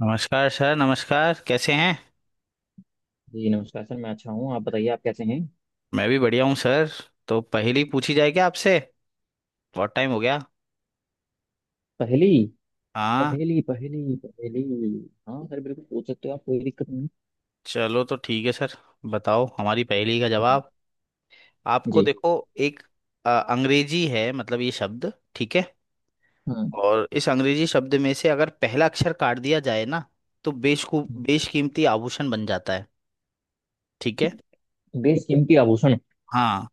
नमस्कार सर। नमस्कार। कैसे हैं? जी नमस्कार सर। मैं अच्छा हूँ। आप बताइए आप कैसे हैं। मैं भी बढ़िया हूँ सर। तो पहेली पूछी जाए क्या आपसे? बहुत टाइम हो गया। पहेली। हाँ, पहेली पहेली पहेली। हाँ सर, बिल्कुल पूछ सकते हो आप, कोई दिक्कत नहीं। चलो तो ठीक है सर। बताओ हमारी पहेली का हम्म। जवाब। आपको जी। देखो, एक अंग्रेजी है मतलब ये शब्द, ठीक है? हाँ। और इस अंग्रेजी शब्द में से अगर पहला अक्षर काट दिया जाए ना, तो बेशकू बेशकीमती आभूषण बन जाता है। ठीक है? बेशकीमती आभूषण। हाँ,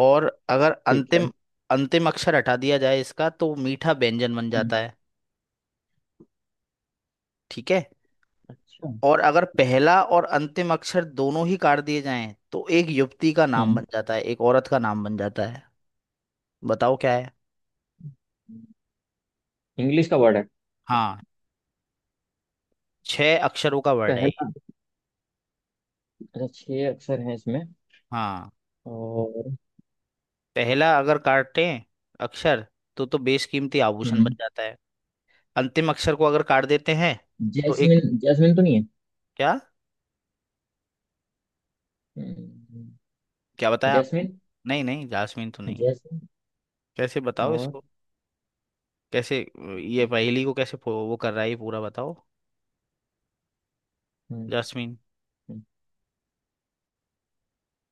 और अगर ठीक है। अंतिम अंतिम अक्षर हटा दिया जाए इसका, तो मीठा व्यंजन बन हम्म। जाता है। ठीक है। अच्छा। और अगर पहला और अंतिम अक्षर दोनों ही काट दिए जाएं, तो एक युवती का नाम बन हम्म। जाता है, एक औरत का नाम बन जाता है। बताओ क्या है। इंग्लिश का वर्ड है। हाँ, छह अक्षरों का वर्ड है ये। पहला। अच्छा, छह अक्षर हैं इसमें। हाँ, और। पहला अगर काटे अक्षर, तो बेशकीमती आभूषण बन हम्म। जाता है। अंतिम अक्षर को अगर काट देते हैं तो एक, जैस्मिन। जैस्मिन तो नहीं है? क्या? हम्म। क्या बताया आपने? जैस्मिन। नहीं नहीं, जासमीन तो नहीं है। जैस्मिन। कैसे बताओ और। इसको? कैसे ये पहेली हम्म। को कैसे वो कर रहा है ये, पूरा बताओ। हम्म। जासमीन। हम्म।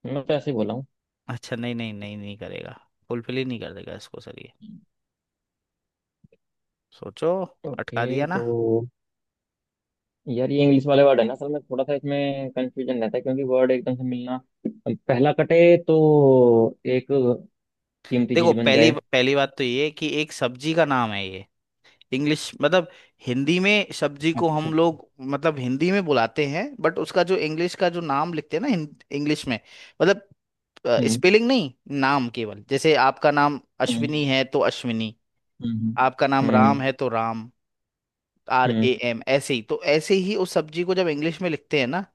मैं तो ऐसे ही बोला हूँ। अच्छा, नहीं नहीं नहीं, नहीं करेगा। फुलफिल ही नहीं कर देगा इसको सर ये। सोचो। अटका ओके दिया ना। तो। यार, ये इंग्लिश वाले वर्ड है ना, असल में थोड़ा सा इसमें कंफ्यूजन रहता है, क्योंकि वर्ड एकदम से मिलना। पहला कटे तो एक कीमती देखो, चीज ठीक बन पहली जाए। है, पहली बात तो ये कि एक सब्जी का नाम है ये। इंग्लिश मतलब हिंदी में सब्जी को अच्छा हम अच्छा। लोग मतलब हिंदी में बुलाते हैं, बट उसका जो इंग्लिश का जो नाम लिखते हैं ना इंग्लिश में, मतलब हम्म। स्पेलिंग नहीं, नाम केवल। जैसे आपका नाम हम्म। अश्विनी है तो अश्विनी, हम्म। आपका नाम राम हम्म। है तो Ram, R A hmm. M ऐसे ही, तो ऐसे ही उस सब्जी को जब इंग्लिश में लिखते हैं ना,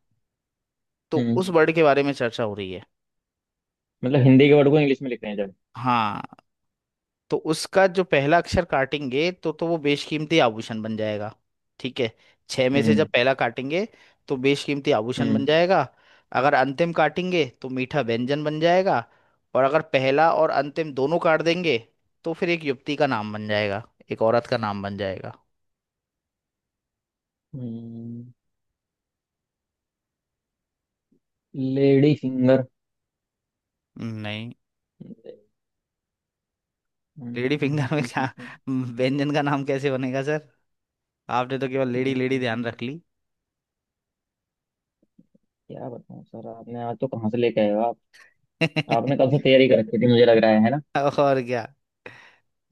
तो हम्म। उस वर्ड के बारे में चर्चा हो रही है। मतलब हिंदी के वर्ड को इंग्लिश में लिख रहे हैं जब। हाँ, तो उसका जो पहला अक्षर काटेंगे तो वो बेशकीमती आभूषण बन जाएगा। ठीक है? छह में से जब हम्म। पहला काटेंगे तो बेशकीमती आभूषण बन हम्म। जाएगा। अगर अंतिम काटेंगे तो मीठा व्यंजन बन जाएगा। और अगर पहला और अंतिम दोनों काट देंगे तो फिर एक युवती का नाम बन जाएगा, एक औरत का नाम बन जाएगा। हम्म। Lady finger. नहीं। लेडी फिंगर में क्या व्यंजन का नाम कैसे बनेगा सर? आपने तो केवल लेडी लेडी ध्यान रख ली। क्या बताऊं सर, आपने आज तो कहाँ से लेके आए हो आप। आपने कब से तैयारी कर रखी थी, मुझे लग रहा है ना। और क्या।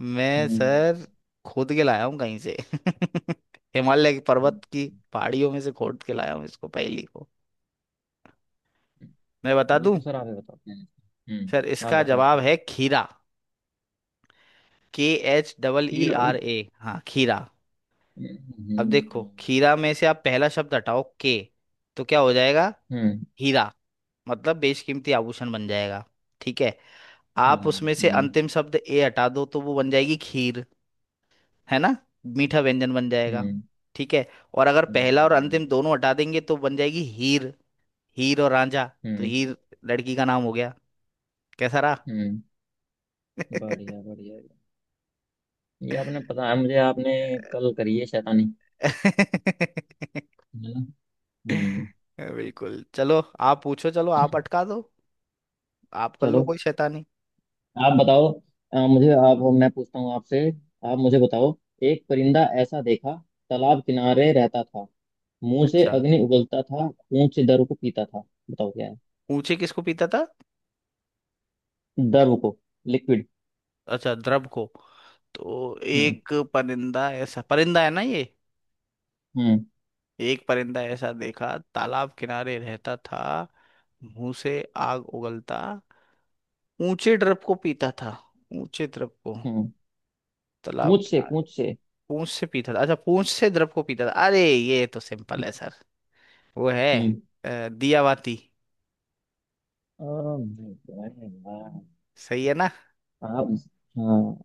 मैं हम्म। सर खोद के लाया हूँ कहीं से हिमालय के हम्म। पर्वत की हम्म। पहाड़ियों में से खोद के लाया हूँ इसको, पहेली को। मैं बता ये दूं तो सर आप ही बताओ। सर, हम्म, आप इसका बताओ जवाब इसका। है खीरा। के, एच डबल ई हील। आर ए हाँ, खीरा। हम्म। अब देखो, हम्म। खीरा में से आप पहला शब्द हटाओ के, तो क्या हो जाएगा? हीरा, मतलब बेशकीमती आभूषण बन जाएगा। ठीक है? आप उसमें से हम्म। अंतिम शब्द ए हटा दो तो वो बन जाएगी खीर, है ना? मीठा व्यंजन बन जाएगा। हम्म। ठीक है? और अगर पहला और हम्म। अंतिम दोनों हटा देंगे तो बन जाएगी हीर। हीर और रांझा, तो हीर लड़की का नाम हो गया। कैसा रहा? हम्म। बढ़िया बढ़िया। ये आपने, पता है मुझे, आपने कल करी है शैतानी, है ना। हम्म। बिल्कुल। चलो, आप पूछो, चलो, आप अटका दो, आप कर लो चलो कोई शैतानी। आप बताओ। मुझे आप, मैं पूछता हूँ आपसे। आप मुझे बताओ। एक परिंदा ऐसा देखा, तालाब किनारे रहता था। मुंह से अच्छा। अग्नि उगलता था, खून से द्रव को पीता था। बताओ क्या है। पूछे किसको पीता था? द्रव को। लिक्विड। अच्छा, द्रव को। तो हम्म। एक परिंदा, ऐसा परिंदा है ना ये। एक परिंदा ऐसा देखा, तालाब किनारे रहता था, मुंह से आग उगलता, ऊंचे ड्रप को पीता था। ऊंचे ड्रप को, हम्म। तालाब पूछ से, किनारे, पूछ से। पूंछ से पीता था। अच्छा, पूंछ से ड्रप को पीता था। अरे, ये तो सिंपल है सर। वो है हम्म। दियावाती। हाँ। सही है ना? उस- हाँ।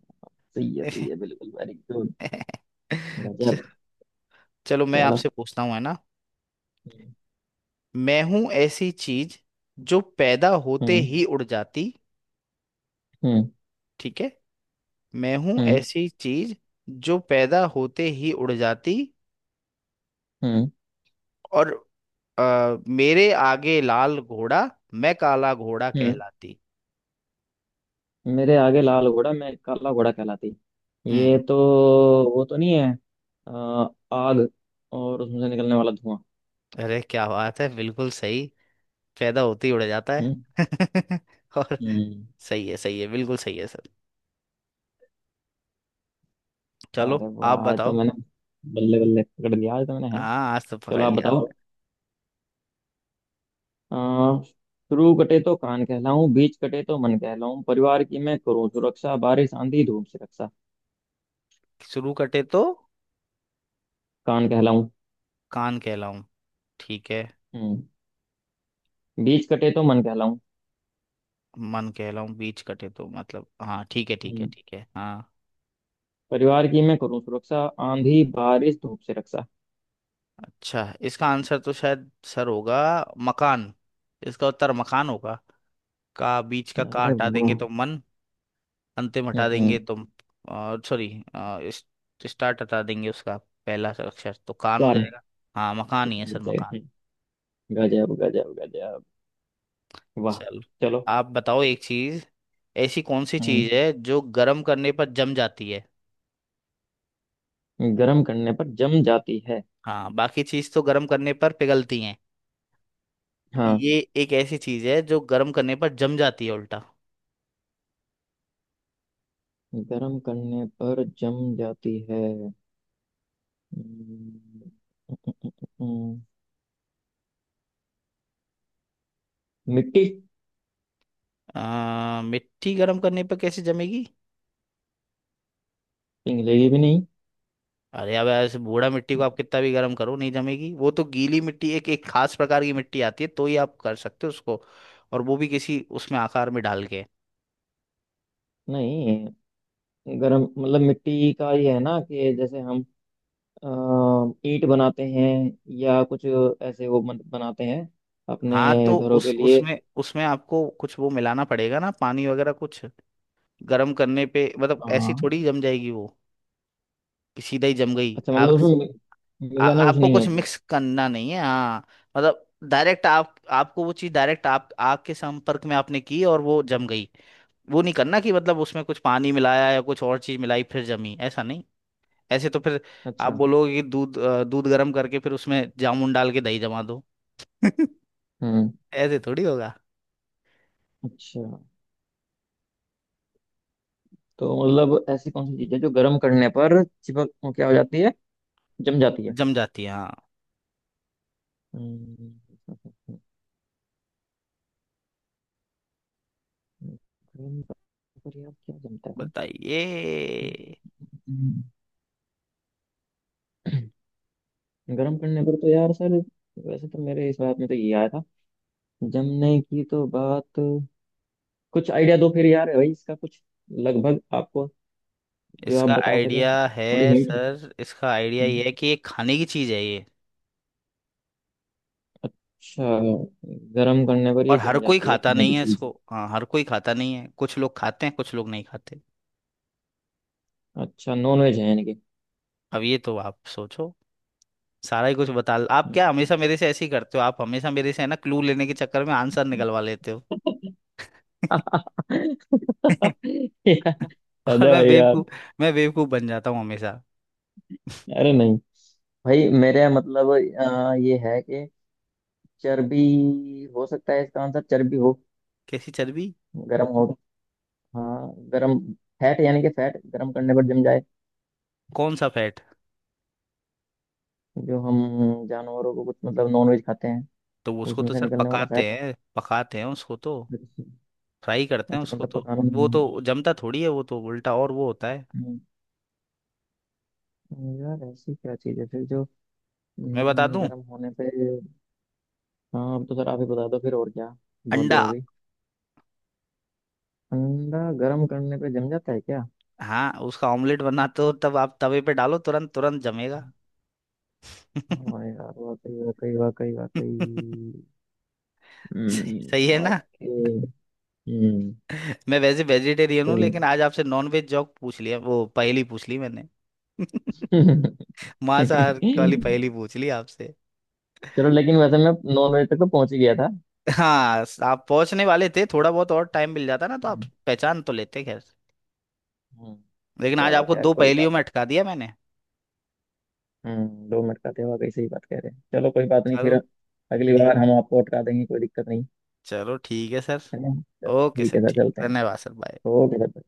सही है, सही है, बिल्कुल वेरी गुड। च- गजब। चलो, मैं चलो। आपसे पूछता हूँ, है ना? मैं हूं ऐसी चीज जो पैदा होते हम्म। ही उड़ जाती। हम्म। ठीक है? मैं हूं हम्म। ऐसी चीज जो पैदा होते ही उड़ जाती, हम्म। और मेरे आगे लाल घोड़ा, मैं काला घोड़ा हम्म। कहलाती। मेरे आगे लाल घोड़ा, मैं काला घोड़ा कहलाती। ये हम्म। तो वो तो नहीं है। अ, आग और उसमें से निकलने वाला धुआं। अरे क्या बात है, बिल्कुल सही। पैदा होते ही उड़ जाता है। हम्म। और हम्म। सही है, सही है, बिल्कुल सही है सर। चलो, अरे वाह, आप आज तो बताओ। मैंने बल्ले बल्ले पकड़ लिया, आज तो मैंने, है ना। हाँ, आज तो पकड़ चलो आप लिया बताओ। आपने। अ, शुरू कटे तो कान कहलाऊं, बीच कटे तो मन कहलाऊं, परिवार की मैं करूं सुरक्षा, बारिश आंधी धूप से रक्षा। शुरू कटे तो कान कहलाऊं। कान कहलाऊं, ठीक है। हम्म। बीच कटे तो मन कहलाऊं। मन कहलाऊं बीच कटे तो, मतलब, हाँ ठीक है, ठीक है, हम्म। ठीक है, हाँ। परिवार की मैं करूं सुरक्षा, आंधी बारिश धूप से रक्षा। अच्छा, इसका आंसर तो शायद सर होगा मकान। इसका उत्तर मकान होगा। का, बीच का अरे हटा देंगे वाह। तो मन। अंतिम हटा देंगे हम्म। तो, सॉरी, इस, स्टार्ट हटा देंगे उसका पहला अक्षर तो कान हो कान। जाएगा। हाँ, मकान ही है कितना सर, बच जाएगा? मकान। हम्म। गजब गजब गजब। वाह। चलो, चलो। आप बताओ एक चीज। ऐसी कौन सी हम्म। चीज है जो गर्म करने पर जम जाती है? गर्म करने पर जम जाती है। हाँ, बाकी चीज तो गर्म करने पर पिघलती हैं। हाँ, ये एक ऐसी चीज है जो गर्म करने पर जम जाती है, उल्टा। गर्म करने पर जम जाती है। हम्म। मिट्टी। मिट्टी गर्म करने पर कैसे जमेगी? पिघलेगी भी नहीं। अरे, अब ऐसे बूढ़ा, मिट्टी को आप कितना भी गर्म करो नहीं जमेगी वो, तो गीली मिट्टी, एक एक खास प्रकार की मिट्टी आती है तो ही आप कर सकते हो उसको, और वो भी किसी उसमें आकार में डाल के। नहीं, गरम मतलब मिट्टी का ये है ना, कि जैसे हम अ, ईंट बनाते हैं, या कुछ ऐसे वो बनाते हैं हाँ, अपने तो घरों उस के लिए। उसमें उसमें आपको कुछ वो मिलाना पड़ेगा ना, पानी वगैरह कुछ। गर्म करने पे मतलब ऐसी हाँ। थोड़ी जम जाएगी वो, कि सीधा ही जम गई अच्छा, आग? मतलब उसमें मिलाना कुछ आपको नहीं है कुछ उसमें? मिक्स करना नहीं है, हाँ, मतलब डायरेक्ट, आप आपको वो चीज़ डायरेक्ट आप आग के संपर्क में आपने की और वो जम गई। वो नहीं करना कि मतलब उसमें कुछ पानी मिलाया या कुछ और चीज मिलाई फिर जमी, ऐसा नहीं। ऐसे तो फिर आप अच्छा। बोलोगे कि दूध दूध गर्म करके फिर उसमें जामुन डाल के दही जमा दो। हम्म। ऐसे थोड़ी होगा। अच्छा। तो मतलब ऐसी कौन सी चीज है जो गर्म करने पर चिपक, वो क्या हो जाती है, जम जाती है। जम जाती है, हाँ। हम्म। गर्म पर, यार क्या जमता है। बताइए। हम्म। गर्म करने पर तो यार सर, वैसे तो मेरे इस बात में तो ये आया था, जमने की तो बात। कुछ आइडिया दो फिर यार भाई, इसका कुछ लगभग आपको, जो आप इसका बता सकें, आइडिया है थोड़ी हिंट। सर, इसका आइडिया ये है कि ये खाने की चीज है ये। अच्छा। गर्म करने पर और ये हर जम कोई जाती है, खाता खाने की नहीं है चीज। इसको, हाँ, हर कोई खाता नहीं है, कुछ लोग खाते हैं कुछ लोग नहीं खाते। अच्छा, नॉन वेज है यानी कि। अब ये तो आप सोचो। सारा ही कुछ बता आप क्या हमेशा मेरे से ऐसे ही करते हो? आप हमेशा मेरे से, है ना, क्लू लेने के चक्कर में आंसर निकलवा लेते हो। यार। और अरे मैं भाई यार। बेवकूफ, मैं बेवकूफ बन जाता हूँ हमेशा। अरे नहीं, भाई मेरे, मतलब ये है कि चर्बी हो सकता है इसका आंसर, चर्बी हो कैसी चर्बी? गर्म हो तो। हाँ, गरम। फैट, यानी कि फैट गरम करने पर जम जाए। कौन सा फैट? जो हम जानवरों को, कुछ मतलब, नॉनवेज खाते हैं, तो उसको उसमें तो से सर निकलने वाला पकाते फैट। हैं, पकाते हैं उसको तो, अच्छा। फ्राई करते हैं अच्छा उसको मतलब तो। पकाना। वो तो हम्म। जमता थोड़ी है, वो तो उल्टा और वो होता है। हम्म। यार, ऐसी क्या चीज़ है फिर जो मैं बता दूं, गर्म होने पे। हाँ, अब तो सर आप ही बता दो फिर, और क्या, बहुत अंडा। देर हो गई। अंडा? गर्म करने पे जम जाता है क्या? हाँ, उसका ऑमलेट बनाते हो तब आप तवे पे डालो, तुरंत तुरंत जमेगा। हाँ यार, वाकई वाकई वाकई वाकई। सही, सही हम्म। है ना? ओके। हम्म। मैं वैसे वेजिटेरियन हूँ, सही लेकिन आज आपसे नॉन वेज जॉक पूछ लिया, वो पहेली पूछ ली मैंने। मांसाहार वाली है। पहेली पूछ ली आपसे। चलो, लेकिन वैसे मैं नॉन वेज तक तो पहुंच ही गया था। हाँ, आप पहुंचने वाले थे, थोड़ा बहुत और टाइम मिल जाता ना तो आप हम्म। पहचान तो लेते, खैर। हम्म। लेकिन आज चलो आपको खैर, दो कोई पहेलियों बात में नहीं। अटका दिया मैंने। हम्म, 2 मिनट का थे, वाकई सही बात कह रहे हैं। चलो कोई बात नहीं फिर। चलो अगली ठीक, बार हम आपको अटका देंगे, कोई दिक्कत नहीं, चलो ठीक है सर। है ना। चलो ओके ठीक सर, है सर, ठीक। चलते हैं। धन्यवाद सर, बाय। Okay sir.